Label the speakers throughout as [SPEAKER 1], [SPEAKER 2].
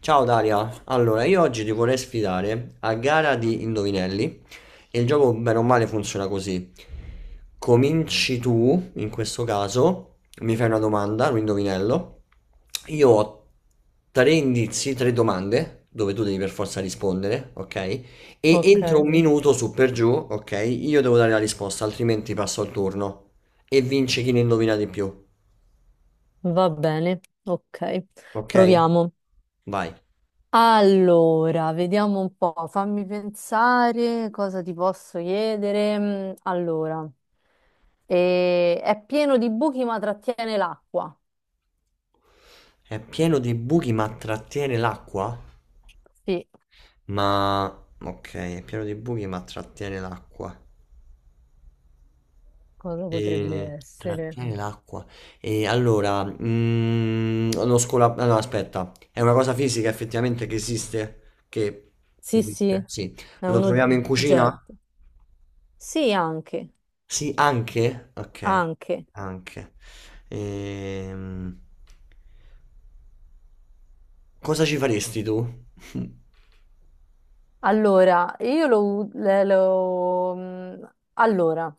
[SPEAKER 1] Ciao Daria, allora io oggi ti vorrei sfidare a gara di indovinelli e il gioco bene o male funziona così. Cominci tu, in questo caso, mi fai una domanda, un indovinello, io ho tre indizi, tre domande, dove tu devi per forza rispondere, ok? E
[SPEAKER 2] Ok,
[SPEAKER 1] entro un minuto su per giù, ok? Io devo dare la risposta, altrimenti passo al turno e vince chi ne indovina di più,
[SPEAKER 2] va bene, ok,
[SPEAKER 1] ok?
[SPEAKER 2] proviamo.
[SPEAKER 1] Vai.
[SPEAKER 2] Allora, vediamo un po', fammi pensare cosa ti posso chiedere. Allora, è pieno di buchi ma trattiene l'acqua.
[SPEAKER 1] È pieno di buchi ma trattiene l'acqua?
[SPEAKER 2] Sì,
[SPEAKER 1] Ma ok, è pieno di buchi, ma trattiene l'acqua.
[SPEAKER 2] cosa potrebbe
[SPEAKER 1] E
[SPEAKER 2] essere?
[SPEAKER 1] trattiene l'acqua. E allora, ah, no, aspetta, è una cosa fisica effettivamente che esiste? Che
[SPEAKER 2] Sì, sì,
[SPEAKER 1] esiste? Sì.
[SPEAKER 2] è
[SPEAKER 1] Lo
[SPEAKER 2] un
[SPEAKER 1] troviamo in cucina?
[SPEAKER 2] oggetto. Sì, anche,
[SPEAKER 1] Sì, anche? Ok,
[SPEAKER 2] anche.
[SPEAKER 1] anche. Ehm, Cosa ci faresti tu?
[SPEAKER 2] Allora, io lo... Allora.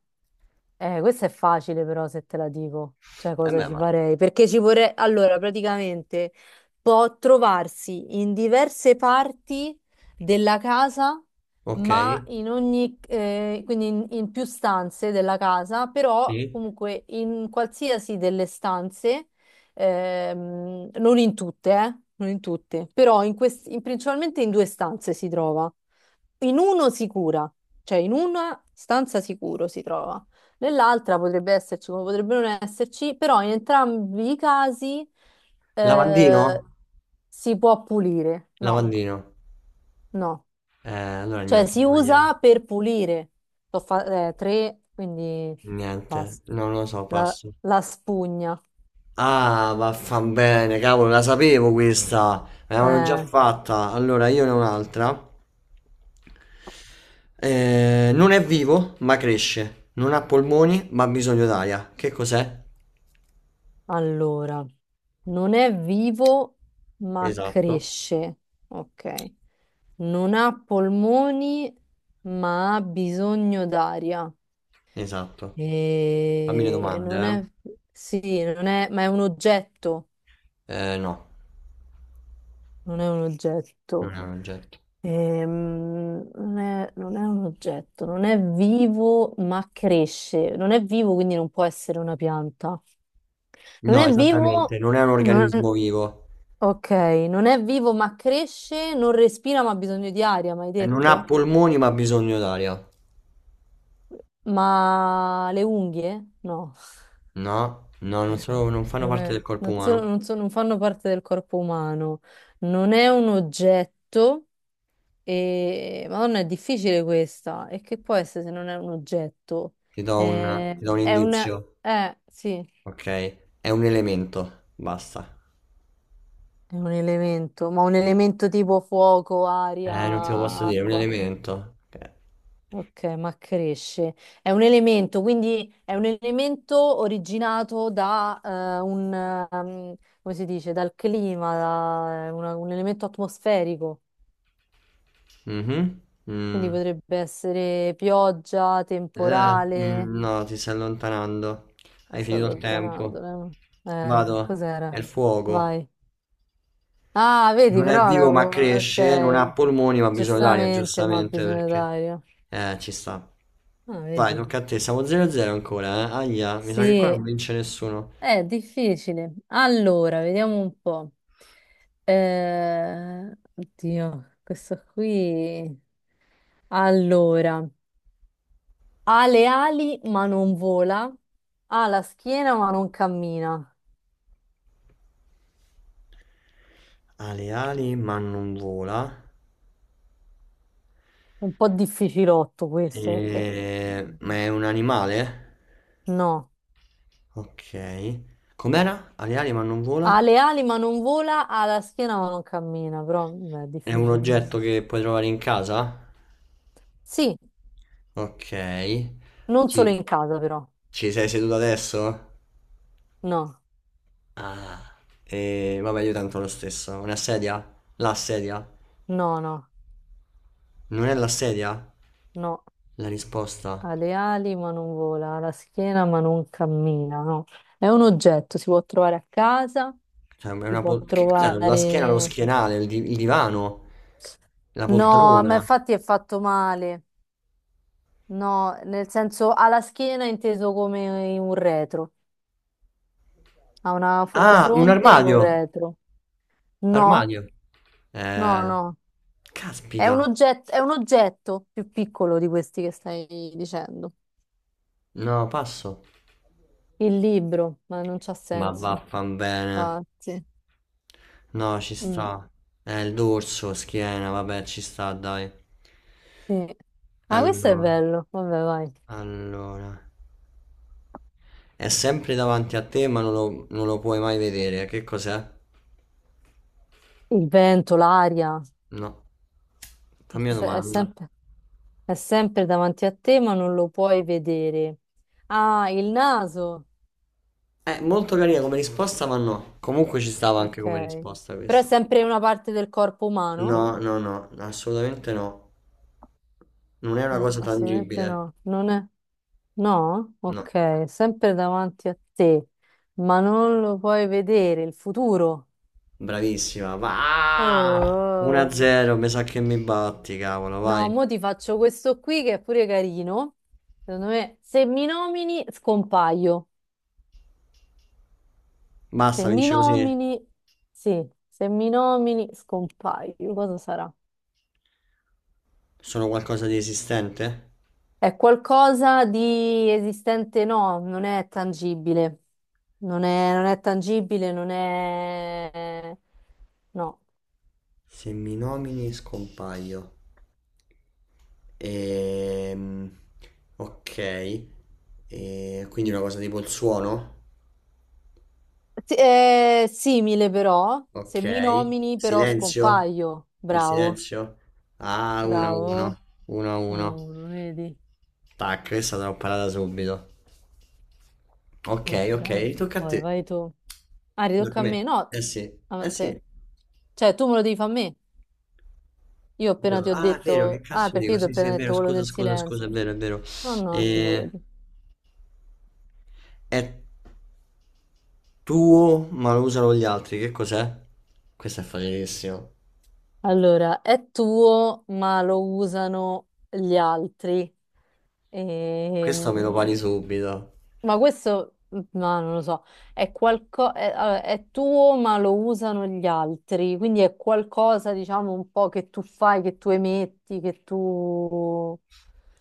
[SPEAKER 2] Questa è facile però se te la dico, cioè
[SPEAKER 1] Eh
[SPEAKER 2] cosa
[SPEAKER 1] beh,
[SPEAKER 2] ci
[SPEAKER 1] ma...
[SPEAKER 2] farei, perché ci vorrei, allora praticamente può trovarsi in diverse parti della casa,
[SPEAKER 1] Ok,
[SPEAKER 2] ma in ogni, quindi in più stanze della casa, però
[SPEAKER 1] sì.
[SPEAKER 2] comunque in qualsiasi delle stanze, non in tutte, non in tutte, però in principalmente in due stanze si trova, in uno sicura, cioè in una stanza sicuro si trova. Nell'altra potrebbe esserci, come potrebbe non esserci, però in entrambi i casi
[SPEAKER 1] Lavandino?
[SPEAKER 2] eh, si può pulire. No,
[SPEAKER 1] Lavandino.
[SPEAKER 2] no.
[SPEAKER 1] Allora
[SPEAKER 2] Cioè
[SPEAKER 1] niente, ho
[SPEAKER 2] si
[SPEAKER 1] sbagliato.
[SPEAKER 2] usa per pulire. Tre, quindi
[SPEAKER 1] Niente,
[SPEAKER 2] basta.
[SPEAKER 1] non lo so,
[SPEAKER 2] La,
[SPEAKER 1] passo.
[SPEAKER 2] la spugna.
[SPEAKER 1] Ah, vaffan bene, cavolo, la sapevo questa. Me l'avevano già
[SPEAKER 2] Eh,
[SPEAKER 1] fatta. Allora, io ne ho un'altra. Non è vivo, ma cresce. Non ha polmoni, ma ha bisogno d'aria. Che cos'è?
[SPEAKER 2] allora, non è vivo, ma
[SPEAKER 1] Esatto,
[SPEAKER 2] cresce. Ok. Non ha polmoni, ma ha bisogno d'aria.
[SPEAKER 1] esatto. Fammi le
[SPEAKER 2] E
[SPEAKER 1] domande,
[SPEAKER 2] non è, sì, non è, ma è un oggetto,
[SPEAKER 1] eh. No,
[SPEAKER 2] non è un
[SPEAKER 1] non
[SPEAKER 2] oggetto.
[SPEAKER 1] è un oggetto.
[SPEAKER 2] Non è un oggetto, non è vivo, ma cresce. Non è vivo, quindi non può essere una pianta. Non
[SPEAKER 1] No,
[SPEAKER 2] è
[SPEAKER 1] esattamente,
[SPEAKER 2] vivo,
[SPEAKER 1] non è un organismo
[SPEAKER 2] non-
[SPEAKER 1] vivo.
[SPEAKER 2] ok, non è vivo, ma cresce, non respira, ma ha bisogno di aria, mi hai
[SPEAKER 1] E non ha
[SPEAKER 2] detto?
[SPEAKER 1] polmoni, ma ha bisogno d'aria.
[SPEAKER 2] Ma le unghie? No.
[SPEAKER 1] No, no, non fanno
[SPEAKER 2] Non
[SPEAKER 1] parte
[SPEAKER 2] è-
[SPEAKER 1] del corpo
[SPEAKER 2] non sono-
[SPEAKER 1] umano.
[SPEAKER 2] non sono- Non fanno parte del corpo umano, non è un oggetto e... Madonna, è difficile questa. E che può essere se non è un oggetto?
[SPEAKER 1] Ti do un, ti do un
[SPEAKER 2] È un...
[SPEAKER 1] indizio,
[SPEAKER 2] Sì,
[SPEAKER 1] ok? È un elemento, basta.
[SPEAKER 2] è un elemento, ma un elemento tipo fuoco, aria,
[SPEAKER 1] Non te lo posso dire, è un
[SPEAKER 2] acqua.
[SPEAKER 1] elemento. Ok.
[SPEAKER 2] Ok, ma cresce. È un elemento, quindi è un elemento originato da un... come si dice? Dal clima, da un elemento atmosferico.
[SPEAKER 1] Mhm.
[SPEAKER 2] Quindi
[SPEAKER 1] Mm.
[SPEAKER 2] potrebbe essere pioggia, temporale.
[SPEAKER 1] No, ti stai allontanando. Hai
[SPEAKER 2] Sto
[SPEAKER 1] finito il
[SPEAKER 2] allontanando.
[SPEAKER 1] tempo. Vado. È
[SPEAKER 2] Cos'era?
[SPEAKER 1] il fuoco.
[SPEAKER 2] Vai. Ah, vedi,
[SPEAKER 1] Non è vivo ma cresce, non ha
[SPEAKER 2] ok,
[SPEAKER 1] polmoni ma ha bisogno d'aria,
[SPEAKER 2] giustamente, ma
[SPEAKER 1] giustamente
[SPEAKER 2] bisogna
[SPEAKER 1] perché...
[SPEAKER 2] dare.
[SPEAKER 1] Ci sta.
[SPEAKER 2] Ah,
[SPEAKER 1] Vai,
[SPEAKER 2] vedi.
[SPEAKER 1] tocca a te. Siamo 0-0 ancora, eh? Aia, mi sa che qua
[SPEAKER 2] Sì,
[SPEAKER 1] non vince nessuno.
[SPEAKER 2] è difficile. Allora, vediamo un po'. Oddio, questo qui. Allora, ha le ali ma non vola, ha la schiena ma non cammina.
[SPEAKER 1] Ha le ali ma non vola.
[SPEAKER 2] È un po' difficilotto questo perché eh,
[SPEAKER 1] Ma è un animale?
[SPEAKER 2] no,
[SPEAKER 1] Ok. Com'era? Ha le ali ma non vola?
[SPEAKER 2] ha le ali ma non vola, ha la schiena ma non cammina, però beh, è
[SPEAKER 1] È un
[SPEAKER 2] difficile
[SPEAKER 1] oggetto
[SPEAKER 2] questo.
[SPEAKER 1] che puoi trovare in casa?
[SPEAKER 2] Sì,
[SPEAKER 1] Ok.
[SPEAKER 2] non solo
[SPEAKER 1] Ci,
[SPEAKER 2] in casa però.
[SPEAKER 1] ci sei seduto adesso?
[SPEAKER 2] No,
[SPEAKER 1] Ah. E vabbè, io tanto lo stesso. Una sedia? La sedia?
[SPEAKER 2] no, no,
[SPEAKER 1] Non è la sedia?
[SPEAKER 2] no.
[SPEAKER 1] La risposta?
[SPEAKER 2] Ha le ali ma non vola, ha la schiena ma non cammina, no. È un oggetto, si può trovare a casa,
[SPEAKER 1] Cioè,
[SPEAKER 2] si può
[SPEAKER 1] che cos'è? La schiena, lo
[SPEAKER 2] trovare...
[SPEAKER 1] schienale, il divano, la
[SPEAKER 2] No, ma
[SPEAKER 1] poltrona.
[SPEAKER 2] infatti è fatto male. No, nel senso ha la schiena inteso come un retro. Ha una un
[SPEAKER 1] Ah, un
[SPEAKER 2] fronte e un
[SPEAKER 1] armadio!
[SPEAKER 2] retro. No,
[SPEAKER 1] Armadio.
[SPEAKER 2] no,
[SPEAKER 1] Eh,
[SPEAKER 2] no.
[SPEAKER 1] caspita.
[SPEAKER 2] È un oggetto più piccolo di questi che stai dicendo.
[SPEAKER 1] No, passo.
[SPEAKER 2] Il libro, ma non c'ha
[SPEAKER 1] Ma
[SPEAKER 2] senso.
[SPEAKER 1] vaffanbene.
[SPEAKER 2] Infatti.
[SPEAKER 1] No, ci
[SPEAKER 2] Mm,
[SPEAKER 1] sta. Il dorso, schiena, vabbè, ci sta, dai.
[SPEAKER 2] sì. Ah, questo è
[SPEAKER 1] Allora,
[SPEAKER 2] bello. Vabbè, vai.
[SPEAKER 1] allora. È sempre davanti a te, ma non lo puoi mai vedere. Che cos'è?
[SPEAKER 2] Il vento, l'aria,
[SPEAKER 1] No.
[SPEAKER 2] il
[SPEAKER 1] Fammi una
[SPEAKER 2] se-
[SPEAKER 1] domanda.
[SPEAKER 2] è sempre davanti a te, ma non lo puoi vedere. Ah, il naso.
[SPEAKER 1] È molto carina come risposta, ma no. Comunque ci stava anche
[SPEAKER 2] Ok.
[SPEAKER 1] come risposta
[SPEAKER 2] Però è
[SPEAKER 1] questa.
[SPEAKER 2] sempre una parte del corpo umano?
[SPEAKER 1] No, no, no, assolutamente no. Non è una
[SPEAKER 2] No,
[SPEAKER 1] cosa
[SPEAKER 2] assolutamente
[SPEAKER 1] tangibile.
[SPEAKER 2] no. Non è... No?
[SPEAKER 1] No.
[SPEAKER 2] Ok, sempre davanti a te, ma non lo puoi vedere, il futuro.
[SPEAKER 1] Bravissima, va!
[SPEAKER 2] Oh.
[SPEAKER 1] 1-0, mi sa che mi batti, cavolo,
[SPEAKER 2] No,
[SPEAKER 1] vai.
[SPEAKER 2] mo ti faccio questo qui che è pure carino. Secondo me, se mi nomini, scompaio. Se
[SPEAKER 1] Basta,
[SPEAKER 2] mi
[SPEAKER 1] vince così.
[SPEAKER 2] nomini, sì, se mi nomini, scompaio. Cosa sarà?
[SPEAKER 1] Sono qualcosa di esistente?
[SPEAKER 2] È qualcosa di esistente, no, non è tangibile. Non è tangibile, non è... No.
[SPEAKER 1] Se mi nomini scompaio. Ehm, ok. E quindi una cosa tipo il suono?
[SPEAKER 2] Sì, è simile però,
[SPEAKER 1] Ok.
[SPEAKER 2] se mi nomini però
[SPEAKER 1] Silenzio?
[SPEAKER 2] scompaio.
[SPEAKER 1] Il
[SPEAKER 2] Bravo,
[SPEAKER 1] silenzio? Ah,
[SPEAKER 2] bravo.
[SPEAKER 1] 1-1.
[SPEAKER 2] Uno a
[SPEAKER 1] 1-1.
[SPEAKER 2] uno, vedi?
[SPEAKER 1] Tac, questa te l'ho parata subito. Ok,
[SPEAKER 2] Ok,
[SPEAKER 1] ok, tocca a
[SPEAKER 2] poi
[SPEAKER 1] te.
[SPEAKER 2] vai tu. Ah, ridocca
[SPEAKER 1] Tocca a
[SPEAKER 2] a
[SPEAKER 1] me.
[SPEAKER 2] me? No,
[SPEAKER 1] Eh sì,
[SPEAKER 2] a
[SPEAKER 1] eh sì.
[SPEAKER 2] te. Cioè, tu me lo devi fare a me. Io appena ti ho
[SPEAKER 1] Ah, è vero, che
[SPEAKER 2] detto... Ah,
[SPEAKER 1] cazzo
[SPEAKER 2] perché
[SPEAKER 1] dico?
[SPEAKER 2] io ti ho
[SPEAKER 1] Sì, sì, è
[SPEAKER 2] appena
[SPEAKER 1] vero,
[SPEAKER 2] detto quello
[SPEAKER 1] scusa,
[SPEAKER 2] del
[SPEAKER 1] scusa, scusa, è
[SPEAKER 2] silenzio.
[SPEAKER 1] vero, è vero.
[SPEAKER 2] No, no,
[SPEAKER 1] Eh,
[SPEAKER 2] figurati.
[SPEAKER 1] è tuo, ma lo usano gli altri, che cos'è? Questo è facilissimo.
[SPEAKER 2] Allora, è tuo, ma lo usano gli altri.
[SPEAKER 1] Questo me lo
[SPEAKER 2] Ehm,
[SPEAKER 1] pari subito.
[SPEAKER 2] ma questo, ma non lo so, è qualcosa, è, allora, è tuo, ma lo usano gli altri. Quindi è qualcosa, diciamo, un po' che tu fai, che tu emetti,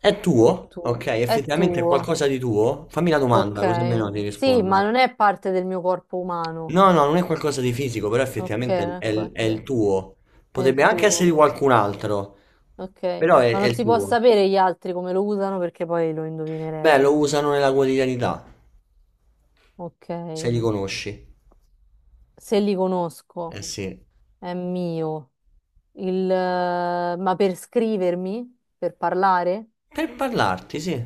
[SPEAKER 1] È tuo? Ok,
[SPEAKER 2] è
[SPEAKER 1] effettivamente è
[SPEAKER 2] tuo.
[SPEAKER 1] qualcosa di tuo? Fammi la domanda, così
[SPEAKER 2] Ok.
[SPEAKER 1] almeno ti
[SPEAKER 2] Sì, ma
[SPEAKER 1] rispondo.
[SPEAKER 2] non è parte del mio corpo umano.
[SPEAKER 1] No, no, non è qualcosa di fisico, però
[SPEAKER 2] Ok,
[SPEAKER 1] effettivamente
[SPEAKER 2] ecco a
[SPEAKER 1] è il
[SPEAKER 2] te.
[SPEAKER 1] tuo.
[SPEAKER 2] È il
[SPEAKER 1] Potrebbe anche essere di
[SPEAKER 2] tuo.
[SPEAKER 1] qualcun altro,
[SPEAKER 2] Ok,
[SPEAKER 1] però è,
[SPEAKER 2] ma
[SPEAKER 1] è
[SPEAKER 2] non
[SPEAKER 1] il
[SPEAKER 2] si può
[SPEAKER 1] tuo.
[SPEAKER 2] sapere gli altri come lo usano perché poi lo
[SPEAKER 1] Beh,
[SPEAKER 2] indovinerei.
[SPEAKER 1] lo usano nella quotidianità,
[SPEAKER 2] Ok,
[SPEAKER 1] se li conosci.
[SPEAKER 2] se li conosco
[SPEAKER 1] Eh sì.
[SPEAKER 2] è mio. Ma per scrivermi, per parlare?
[SPEAKER 1] Per parlarti, sì.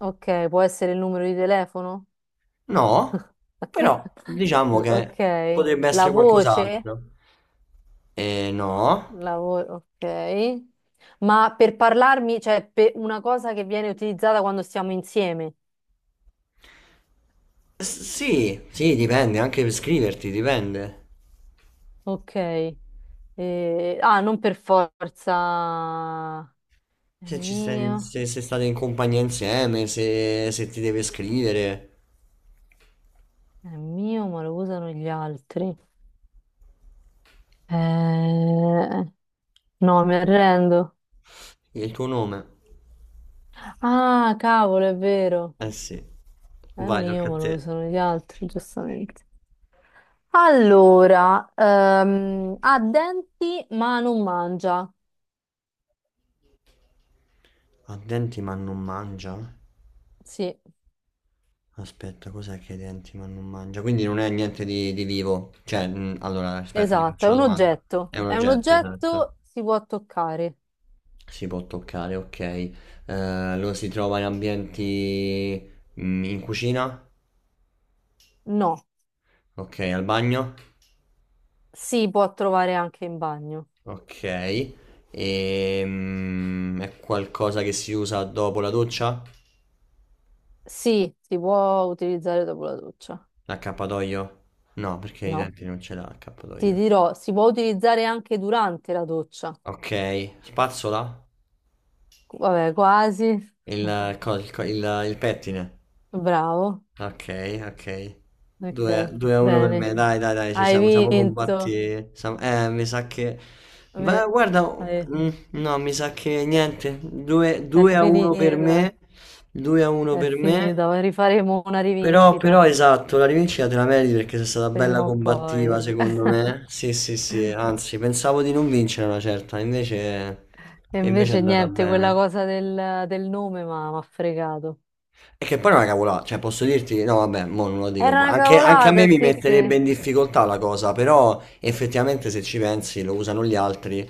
[SPEAKER 2] Ok, può essere il numero di telefono?
[SPEAKER 1] No, però diciamo
[SPEAKER 2] Ok,
[SPEAKER 1] che potrebbe
[SPEAKER 2] la
[SPEAKER 1] essere
[SPEAKER 2] voce?
[SPEAKER 1] qualcos'altro. Eh no.
[SPEAKER 2] Ok. Ma per parlarmi, cioè per una cosa che viene utilizzata quando stiamo insieme.
[SPEAKER 1] Sì, sì, dipende, anche per scriverti, dipende.
[SPEAKER 2] Ok. Ah, non per forza. È
[SPEAKER 1] Se, ci stai,
[SPEAKER 2] mio,
[SPEAKER 1] se, se state in compagnia insieme, se ti deve scrivere
[SPEAKER 2] è mio, ma lo usano gli altri. Eh, no, mi arrendo.
[SPEAKER 1] il tuo nome.
[SPEAKER 2] Ah, cavolo, è vero.
[SPEAKER 1] Eh sì.
[SPEAKER 2] È
[SPEAKER 1] Vai,
[SPEAKER 2] mio,
[SPEAKER 1] tocca a
[SPEAKER 2] ma lo
[SPEAKER 1] te.
[SPEAKER 2] usano gli altri, giustamente. Allora, ha denti, ma non mangia.
[SPEAKER 1] Ha denti ma non mangia?
[SPEAKER 2] Sì,
[SPEAKER 1] Aspetta, cos'è che è denti ma non mangia? Quindi non è niente di vivo. Cioè, allora, aspetta, ti
[SPEAKER 2] esatto, è
[SPEAKER 1] faccio la
[SPEAKER 2] un
[SPEAKER 1] domanda.
[SPEAKER 2] oggetto.
[SPEAKER 1] È un
[SPEAKER 2] È un
[SPEAKER 1] oggetto, esatto.
[SPEAKER 2] oggetto, si può toccare.
[SPEAKER 1] Si può toccare, ok. Lo si trova in ambienti in cucina?
[SPEAKER 2] No,
[SPEAKER 1] Ok, al bagno?
[SPEAKER 2] si può trovare anche in bagno.
[SPEAKER 1] Ok. E, è qualcosa che si usa dopo la doccia?
[SPEAKER 2] Sì, si può utilizzare dopo la doccia.
[SPEAKER 1] L'accappatoio? No, perché i
[SPEAKER 2] No.
[SPEAKER 1] denti non ce l'ha
[SPEAKER 2] Ti
[SPEAKER 1] l'accappatoio.
[SPEAKER 2] dirò, si può utilizzare anche durante la doccia.
[SPEAKER 1] Ok, spazzola?
[SPEAKER 2] Vabbè, quasi.
[SPEAKER 1] Il pettine?
[SPEAKER 2] Bravo.
[SPEAKER 1] Ok, ok.
[SPEAKER 2] Ok,
[SPEAKER 1] 2 a 1 per
[SPEAKER 2] bene.
[SPEAKER 1] me, dai, dai, dai, ci
[SPEAKER 2] Hai
[SPEAKER 1] siamo, siamo
[SPEAKER 2] vinto.
[SPEAKER 1] combatti. Mi sa che. Beh,
[SPEAKER 2] Vabbè,
[SPEAKER 1] guarda,
[SPEAKER 2] vabbè,
[SPEAKER 1] no, mi sa che niente.
[SPEAKER 2] è
[SPEAKER 1] 2 a 1 per
[SPEAKER 2] finita.
[SPEAKER 1] me, 2 a 1
[SPEAKER 2] È
[SPEAKER 1] per me.
[SPEAKER 2] finita. Rifaremo una
[SPEAKER 1] Però,
[SPEAKER 2] rivincita
[SPEAKER 1] però, esatto, la rivincita te la meriti perché sei stata bella
[SPEAKER 2] prima o
[SPEAKER 1] combattiva,
[SPEAKER 2] poi.
[SPEAKER 1] secondo me. Sì, sì, sì, anzi, pensavo di non vincere una certa, invece,
[SPEAKER 2] E
[SPEAKER 1] è
[SPEAKER 2] invece
[SPEAKER 1] andata
[SPEAKER 2] niente, quella
[SPEAKER 1] bene.
[SPEAKER 2] cosa del, del nome ma mi ha fregato.
[SPEAKER 1] E che poi non è una cavolata, cioè posso dirti, no vabbè, mo non lo dico,
[SPEAKER 2] Era una
[SPEAKER 1] anche a me
[SPEAKER 2] cavolata,
[SPEAKER 1] mi
[SPEAKER 2] sì, sì.
[SPEAKER 1] metterebbe in difficoltà la cosa, però effettivamente se ci pensi lo usano gli altri,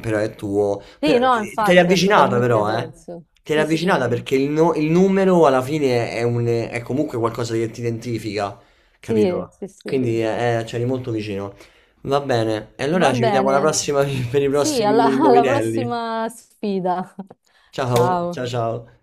[SPEAKER 1] però è tuo,
[SPEAKER 2] Sì,
[SPEAKER 1] però,
[SPEAKER 2] no,
[SPEAKER 1] te l'hai
[SPEAKER 2] infatti ha
[SPEAKER 1] avvicinata
[SPEAKER 2] totalmente
[SPEAKER 1] però, eh?
[SPEAKER 2] senso.
[SPEAKER 1] Te l'hai
[SPEAKER 2] Sì, sì.
[SPEAKER 1] avvicinata perché il, no- il numero alla fine è comunque qualcosa che ti identifica,
[SPEAKER 2] Sì,
[SPEAKER 1] capito?
[SPEAKER 2] sì, sì.
[SPEAKER 1] Quindi c'eri molto vicino. Va bene, e allora
[SPEAKER 2] Va
[SPEAKER 1] ci vediamo alla
[SPEAKER 2] bene.
[SPEAKER 1] prossima per i
[SPEAKER 2] Sì, alla
[SPEAKER 1] prossimi
[SPEAKER 2] alla
[SPEAKER 1] indovinelli.
[SPEAKER 2] prossima sfida.
[SPEAKER 1] Ciao,
[SPEAKER 2] Ciao.
[SPEAKER 1] ciao ciao.